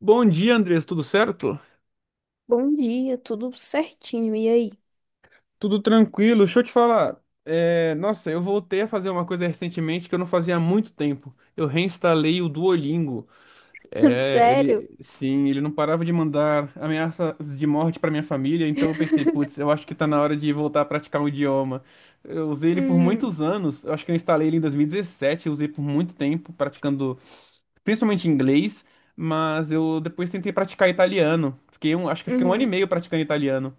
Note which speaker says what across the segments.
Speaker 1: Bom dia, Andrés, tudo certo?
Speaker 2: Bom dia, tudo certinho. E aí?
Speaker 1: Tudo tranquilo. Deixa eu te falar. Nossa, eu voltei a fazer uma coisa recentemente que eu não fazia há muito tempo. Eu reinstalei o Duolingo.
Speaker 2: Sério?
Speaker 1: Ele não parava de mandar ameaças de morte para minha família, então eu pensei, putz, eu acho que tá na hora de voltar a praticar um idioma. Eu usei ele por
Speaker 2: Uhum,
Speaker 1: muitos anos. Eu acho que eu instalei ele em 2017, eu usei por muito tempo praticando principalmente inglês, mas eu depois tentei praticar italiano. Acho que eu fiquei um ano e
Speaker 2: uhum.
Speaker 1: meio praticando italiano.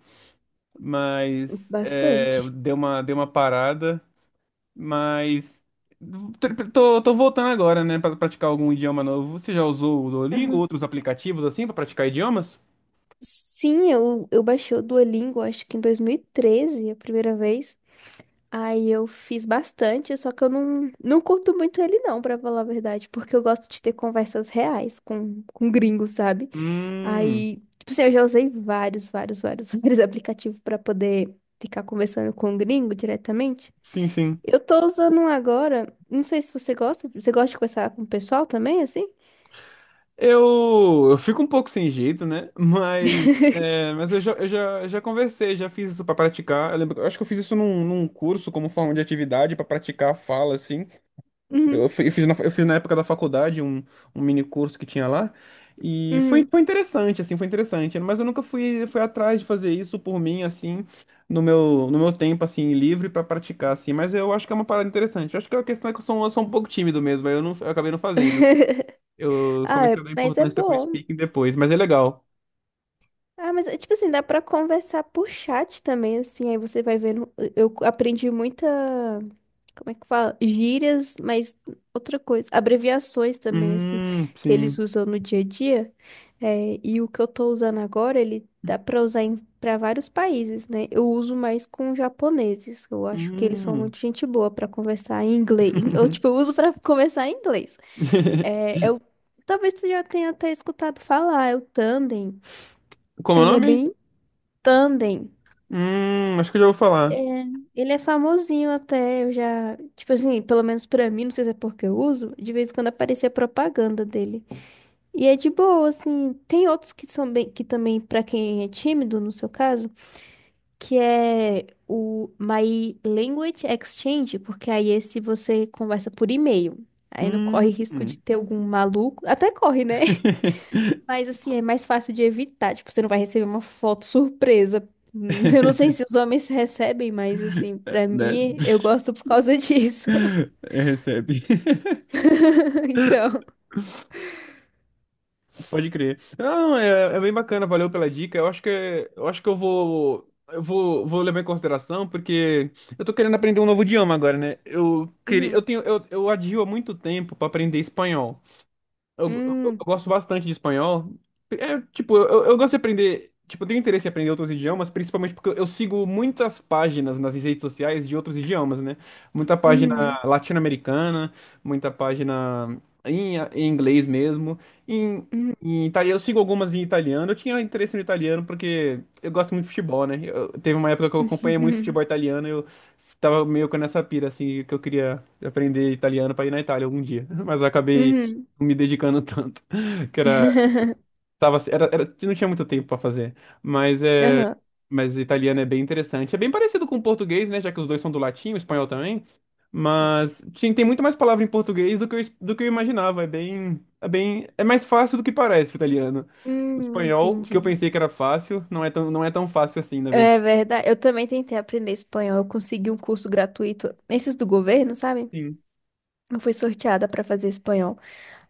Speaker 1: Mas
Speaker 2: Bastante.
Speaker 1: deu uma parada, mas tô voltando agora, né, para praticar algum idioma novo. Você já usou o Duolingo,
Speaker 2: Uhum.
Speaker 1: outros aplicativos assim para praticar idiomas?
Speaker 2: Sim, eu baixei o Duolingo, acho que em 2013, a primeira vez. Aí eu fiz bastante, só que eu não curto muito ele não, pra falar a verdade, porque eu gosto de ter conversas reais com gringos, sabe?
Speaker 1: Hum,
Speaker 2: Aí, tipo assim, eu já usei vários, vários, vários, vários aplicativos pra poder ficar conversando com o gringo diretamente.
Speaker 1: sim.
Speaker 2: Eu tô usando um agora. Não sei se você gosta. Você gosta de conversar com o pessoal também, assim?
Speaker 1: Eu fico um pouco sem jeito, né? Mas, mas eu já conversei, já fiz isso para praticar. Eu lembro, eu acho que eu fiz isso num curso como forma de atividade para praticar a fala, assim.
Speaker 2: Uhum,
Speaker 1: Eu fiz na época da faculdade um mini curso que tinha lá. E
Speaker 2: uhum.
Speaker 1: foi interessante, assim, foi interessante. Mas eu nunca fui atrás de fazer isso por mim, assim, no meu tempo, assim, livre pra praticar, assim. Mas eu acho que é uma parada interessante. Eu acho que a questão é que eu sou um pouco tímido mesmo, aí eu, não, eu acabei não fazendo. Eu
Speaker 2: Ah,
Speaker 1: comecei a dar
Speaker 2: mas é
Speaker 1: importância pro
Speaker 2: bom.
Speaker 1: speaking depois, mas é legal.
Speaker 2: Ah, mas é tipo assim, dá pra conversar por chat também, assim. Aí você vai vendo. Eu aprendi muita. Como é que fala? Gírias, mas outra coisa. Abreviações também, assim, que eles
Speaker 1: Sim.
Speaker 2: usam no dia a dia. É, e o que eu tô usando agora, ele dá pra usar pra vários países, né? Eu uso mais com japoneses. Eu acho que eles são
Speaker 1: Hum.
Speaker 2: muito gente boa pra conversar em inglês. Ou, tipo, eu tipo, uso pra conversar em inglês. É, talvez você já tenha até escutado falar, é o tandem.
Speaker 1: Como é o
Speaker 2: Ele é
Speaker 1: nome?
Speaker 2: bem tandem.
Speaker 1: Acho que eu já vou
Speaker 2: É,
Speaker 1: falar.
Speaker 2: ele é famosinho até, eu já, tipo assim, pelo menos pra mim, não sei se é porque eu uso, de vez em quando aparecia propaganda dele. E é de boa, assim. Tem outros que são bem, que também pra quem é tímido, no seu caso, que é o My Language Exchange, porque aí esse você conversa por e-mail. Aí não corre
Speaker 1: Hum.
Speaker 2: risco de ter algum maluco, até corre, né? Mas assim, é mais fácil de evitar. Tipo, você não vai receber uma foto surpresa. Eu não sei se os homens recebem, mas assim,
Speaker 1: É,
Speaker 2: pra
Speaker 1: né?
Speaker 2: mim, eu gosto por causa disso.
Speaker 1: Recebe.
Speaker 2: Então.
Speaker 1: Pode crer. Não, é bem bacana, valeu pela dica. Eu acho que eu acho que eu vou, vou levar em consideração porque eu tô querendo aprender um novo idioma agora, né? Eu queria eu
Speaker 2: Uhum,
Speaker 1: tenho eu adio há muito tempo para aprender espanhol. Eu
Speaker 2: uhum,
Speaker 1: gosto bastante de espanhol. É, tipo, eu gosto de aprender. Tipo, eu tenho interesse em aprender outros idiomas, principalmente porque eu sigo muitas páginas nas redes sociais de outros idiomas, né? Muita página
Speaker 2: uhum,
Speaker 1: latino-americana, muita página em inglês mesmo. Em,
Speaker 2: uhum,
Speaker 1: em italiano, eu sigo algumas em italiano. Eu tinha interesse no italiano porque eu gosto muito de futebol, né? Teve uma época que eu acompanhei muito
Speaker 2: uhum,
Speaker 1: futebol italiano e eu tava meio com essa pira, assim, que eu queria aprender italiano pra ir na Itália algum dia. Mas eu acabei
Speaker 2: uhum.
Speaker 1: me dedicando tanto que era tava era, era não tinha muito tempo para fazer, mas
Speaker 2: Aham.
Speaker 1: italiano é bem interessante, é bem parecido com o português, né, já que os dois são do latim, o espanhol também, mas tem muito mais palavra em português do que do que eu imaginava. É bem é bem É mais fácil do que parece, o italiano. O
Speaker 2: Hum,
Speaker 1: espanhol, o que eu
Speaker 2: entendi.
Speaker 1: pensei que era fácil, não é tão fácil assim, na
Speaker 2: É
Speaker 1: verdade.
Speaker 2: verdade. Eu também tentei aprender espanhol. Eu consegui um curso gratuito, esses do governo, sabe?
Speaker 1: Sim.
Speaker 2: Eu fui sorteada para fazer espanhol.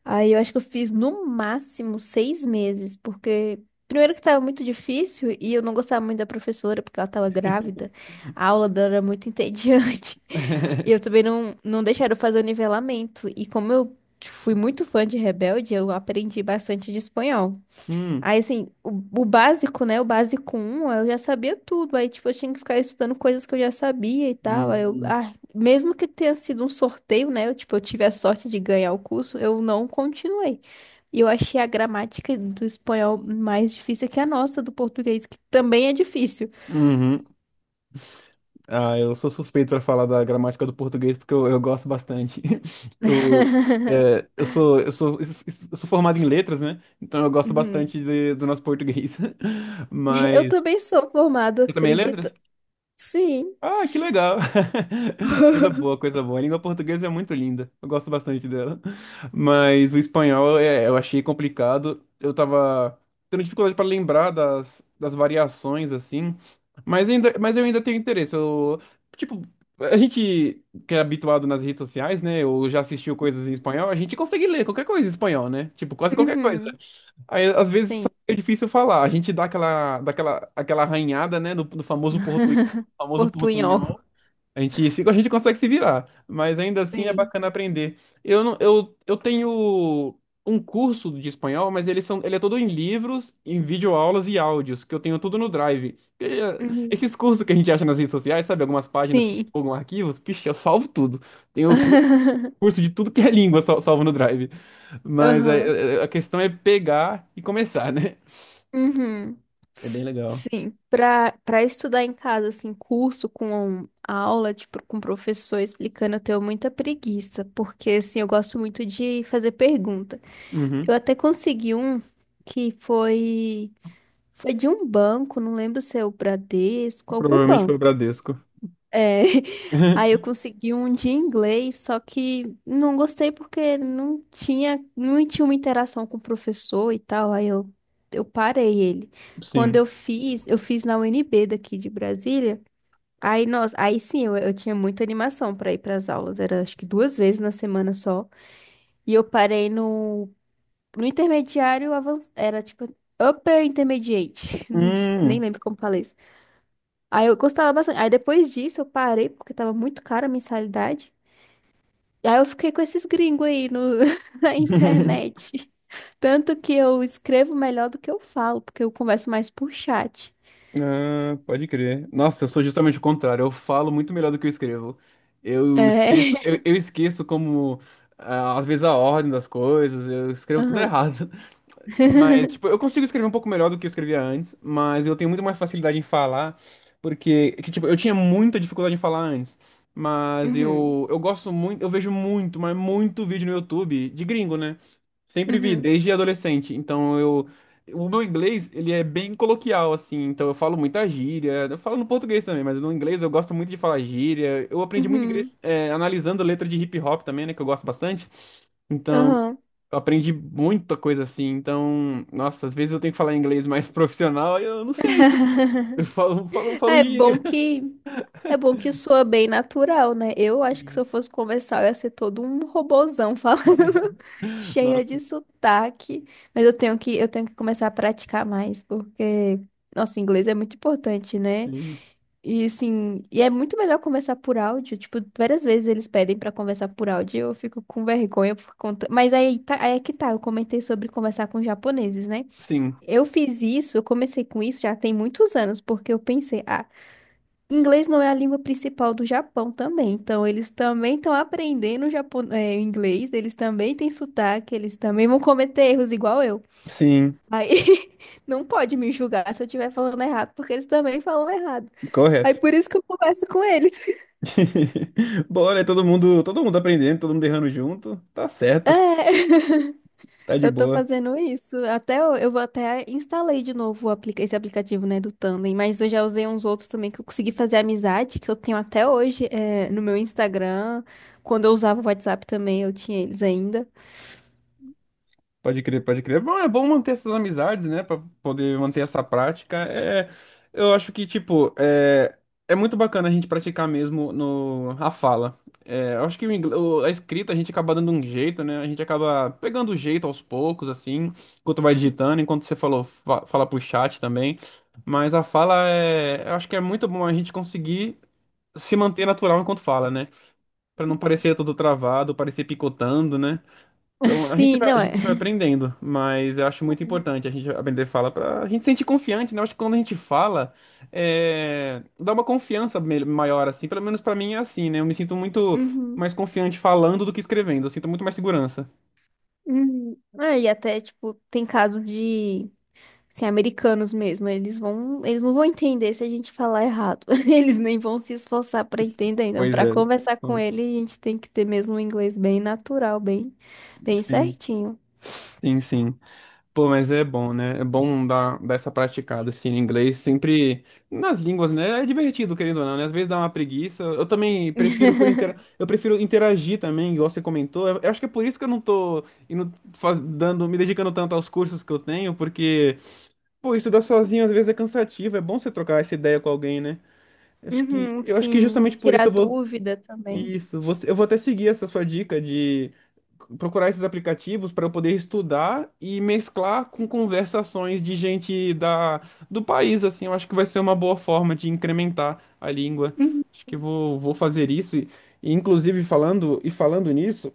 Speaker 2: Aí eu acho que eu fiz no máximo 6 meses, porque primeiro que estava muito difícil e eu não gostava muito da professora, porque ela estava grávida, a aula dela era muito entediante. E eu também não deixaram eu fazer o nivelamento. E como eu fui muito fã de Rebelde, eu aprendi bastante de espanhol.
Speaker 1: Hum,
Speaker 2: Aí, assim, o básico, né? O básico um eu já sabia tudo. Aí, tipo, eu tinha que ficar estudando coisas que eu já sabia e tal. Aí
Speaker 1: hum,
Speaker 2: mesmo que tenha sido um sorteio, né? Eu, tipo, eu tive a sorte de ganhar o curso, eu não continuei. E eu achei a gramática do espanhol mais difícil que a nossa, do português, que também é difícil.
Speaker 1: uhum. Ah, eu sou suspeito para falar da gramática do português porque eu gosto bastante. Eu, é, eu sou, eu sou, eu sou formado em letras, né? Então eu gosto
Speaker 2: Uhum.
Speaker 1: bastante do nosso português.
Speaker 2: Eu
Speaker 1: Mas
Speaker 2: também sou formada,
Speaker 1: você também é letras?
Speaker 2: acredita? Sim.
Speaker 1: Ah, que legal. Coisa boa, coisa boa. A língua portuguesa é muito linda. Eu gosto bastante dela. Mas o espanhol eu achei complicado. Eu tava tendo dificuldade para lembrar das variações, assim. Mas eu ainda tenho interesse. Eu, tipo, a gente que é habituado nas redes sociais, né? Ou já assistiu coisas em espanhol, a gente consegue ler qualquer coisa em espanhol, né? Tipo, quase qualquer coisa.
Speaker 2: Uhum.
Speaker 1: Aí, às vezes só
Speaker 2: Sim.
Speaker 1: é difícil falar. A gente dá aquela arranhada, né, do no famoso
Speaker 2: Portunhol.
Speaker 1: portunhol. A gente, a gente consegue se virar, mas ainda assim é
Speaker 2: Sim.
Speaker 1: bacana aprender. Eu não, eu tenho um curso de espanhol, mas ele é todo em livros, em videoaulas e áudios, que eu tenho tudo no Drive. E,
Speaker 2: Uhum.
Speaker 1: esses cursos que a gente acha nas redes sociais, sabe, algumas páginas que
Speaker 2: Sim.
Speaker 1: divulgam arquivos, pixe, eu salvo tudo. Tenho curso de tudo que é língua, salvo no Drive. Mas
Speaker 2: Aham.
Speaker 1: a questão é pegar e começar, né?
Speaker 2: Uhum.
Speaker 1: É bem legal.
Speaker 2: Sim, para estudar em casa, assim, curso com aula, tipo, com professor explicando, eu tenho muita preguiça, porque, assim, eu gosto muito de fazer pergunta. Eu
Speaker 1: Uhum.
Speaker 2: até consegui um que foi de um banco, não lembro se é o Bradesco, algum
Speaker 1: Provavelmente foi o
Speaker 2: banco.
Speaker 1: Bradesco.
Speaker 2: É, aí eu consegui um de inglês, só que não gostei porque não tinha uma interação com o professor e tal, aí eu parei ele. Quando
Speaker 1: Sim.
Speaker 2: eu fiz na UNB daqui de Brasília, aí, nossa, aí sim, eu tinha muita animação para ir para as aulas, era acho que duas vezes na semana só, e eu parei no intermediário avançado, era tipo upper intermediate, não, nem
Speaker 1: Hum,
Speaker 2: lembro como falei. Aí eu gostava bastante. Aí depois disso eu parei porque tava muito cara a mensalidade. E aí eu fiquei com esses gringos aí no, na internet. Tanto que eu escrevo melhor do que eu falo, porque eu converso mais por chat.
Speaker 1: ah, pode crer. Nossa, eu sou justamente o contrário. Eu falo muito melhor do que eu escrevo. Eu
Speaker 2: É.
Speaker 1: esqueço, eu, eu esqueço como, ah, às vezes, a ordem das coisas. Eu escrevo tudo
Speaker 2: Aham.
Speaker 1: errado. Mas, tipo, eu consigo escrever um pouco melhor do que eu escrevia antes, mas eu tenho muito mais facilidade em falar, tipo, eu tinha muita dificuldade em falar antes, mas
Speaker 2: Uhum.
Speaker 1: eu gosto muito, eu vejo muito, mas muito vídeo no YouTube de gringo, né? Sempre vi,
Speaker 2: Uhum.
Speaker 1: desde adolescente, então eu... O meu inglês, ele é bem coloquial, assim, então eu falo muita gíria, eu falo no português também, mas no inglês eu gosto muito de falar gíria, eu aprendi muito
Speaker 2: Uhum.
Speaker 1: inglês, analisando letra de hip hop também, né, que eu gosto bastante, então
Speaker 2: Uhum.
Speaker 1: eu aprendi muita coisa assim. Então, nossa, às vezes eu tenho que falar inglês mais profissional e eu não sei. Eu
Speaker 2: Ah,
Speaker 1: falo
Speaker 2: É bom
Speaker 1: gíria.
Speaker 2: que é bom que soa bem natural, né? Eu acho que se
Speaker 1: Sim.
Speaker 2: eu fosse conversar, eu ia ser todo um robozão falando cheia
Speaker 1: Nossa,
Speaker 2: de sotaque, mas eu tenho que começar a praticar mais, porque nosso inglês é muito importante, né?
Speaker 1: sim.
Speaker 2: E assim, e é muito melhor conversar por áudio, tipo, várias vezes eles pedem pra conversar por áudio, e eu fico com vergonha por conta, mas aí tá, aí é que tá, eu comentei sobre conversar com japoneses, né?
Speaker 1: Sim.
Speaker 2: Eu fiz isso, eu comecei com isso já tem muitos anos, porque eu pensei, ah, inglês não é a língua principal do Japão também, então eles também estão aprendendo inglês, eles também têm sotaque, eles também vão cometer erros igual eu.
Speaker 1: Sim.
Speaker 2: Aí não pode me julgar se eu estiver falando errado, porque eles também falam errado. Aí
Speaker 1: Correto.
Speaker 2: por isso que eu converso com eles.
Speaker 1: Bom, né? Todo mundo aprendendo, todo mundo errando junto. Tá certo.
Speaker 2: É.
Speaker 1: Tá de
Speaker 2: Eu tô
Speaker 1: boa.
Speaker 2: fazendo isso. Até eu vou até instalei de novo o esse aplicativo, né, do Tandem, mas eu já usei uns outros também que eu consegui fazer amizade, que eu tenho até hoje, é, no meu Instagram. Quando eu usava o WhatsApp também, eu tinha eles ainda.
Speaker 1: Pode crer, pode crer. É bom, é bom manter essas amizades, né? Pra poder manter essa prática. Eu acho que, tipo, é muito bacana a gente praticar mesmo no, a fala. É, eu acho que a escrita a gente acaba dando um jeito, né? A gente acaba pegando o jeito aos poucos, assim, enquanto vai digitando, enquanto você falou, fa fala pro chat também. Mas a fala é. Eu acho que é muito bom a gente conseguir se manter natural enquanto fala, né? Pra não parecer tudo travado, parecer picotando, né? Então,
Speaker 2: Sim,
Speaker 1: a
Speaker 2: não é.
Speaker 1: gente vai aprendendo, mas eu acho muito
Speaker 2: Uhum.
Speaker 1: importante a gente aprender fala para a gente se sentir confiante, né? Eu acho que quando a gente fala, dá uma confiança maior, assim. Pelo menos para mim é assim, né? Eu me sinto muito
Speaker 2: Uhum.
Speaker 1: mais confiante falando do que escrevendo. Eu sinto muito mais segurança.
Speaker 2: Uhum. Ah, e até, tipo, tem caso de assim, americanos mesmo, eles não vão entender se a gente falar errado. Eles nem vão se esforçar para entender. Então,
Speaker 1: Pois
Speaker 2: para
Speaker 1: é.
Speaker 2: conversar com
Speaker 1: Então,
Speaker 2: ele, a gente tem que ter mesmo um inglês bem natural, bem, bem
Speaker 1: sim,
Speaker 2: certinho.
Speaker 1: sim, sim. Pô, mas é bom, né? É bom dar essa praticada, assim, em inglês. Sempre nas línguas, né? É divertido, querendo ou não, né? Às vezes dá uma preguiça. Eu também prefiro por intera... Eu prefiro interagir também, igual você comentou. Eu acho que é por isso que eu não tô indo, me dedicando tanto aos cursos que eu tenho, porque, pô, estudar sozinho às vezes é cansativo. É bom você trocar essa ideia com alguém, né? Eu acho que,
Speaker 2: Uhum,
Speaker 1: eu acho que
Speaker 2: sim,
Speaker 1: justamente por isso
Speaker 2: tirar
Speaker 1: eu vou.
Speaker 2: dúvida também.
Speaker 1: Isso, você, eu vou até seguir essa sua dica de procurar esses aplicativos para eu poder estudar e mesclar com conversações de gente do país, assim, eu acho que vai ser uma boa forma de incrementar a língua.
Speaker 2: Uhum.
Speaker 1: Acho que vou fazer isso. E, inclusive, falando nisso,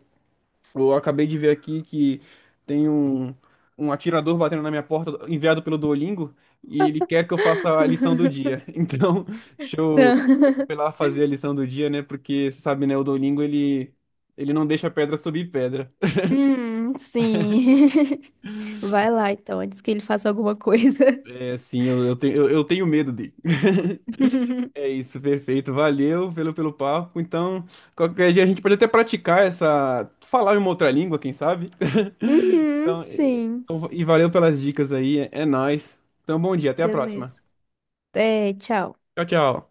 Speaker 1: eu acabei de ver aqui que tem um, um atirador batendo na minha porta, enviado pelo Duolingo, e ele quer que eu faça a lição do dia. Então, deixa eu
Speaker 2: Então,
Speaker 1: foi lá fazer a lição do dia, né? Porque, você sabe, né, o Duolingo, ele não deixa pedra subir pedra.
Speaker 2: sim. Vai lá então, antes que ele faça alguma coisa.
Speaker 1: É assim, eu tenho medo dele. É isso, perfeito. Valeu pelo, pelo papo. Então, qualquer dia a gente pode até praticar essa. Falar em uma outra língua, quem sabe?
Speaker 2: Uhum,
Speaker 1: Então,
Speaker 2: sim.
Speaker 1: valeu pelas dicas aí. É, é nóis. Então, bom dia, até a próxima.
Speaker 2: Beleza. É, tchau.
Speaker 1: Tchau, tchau.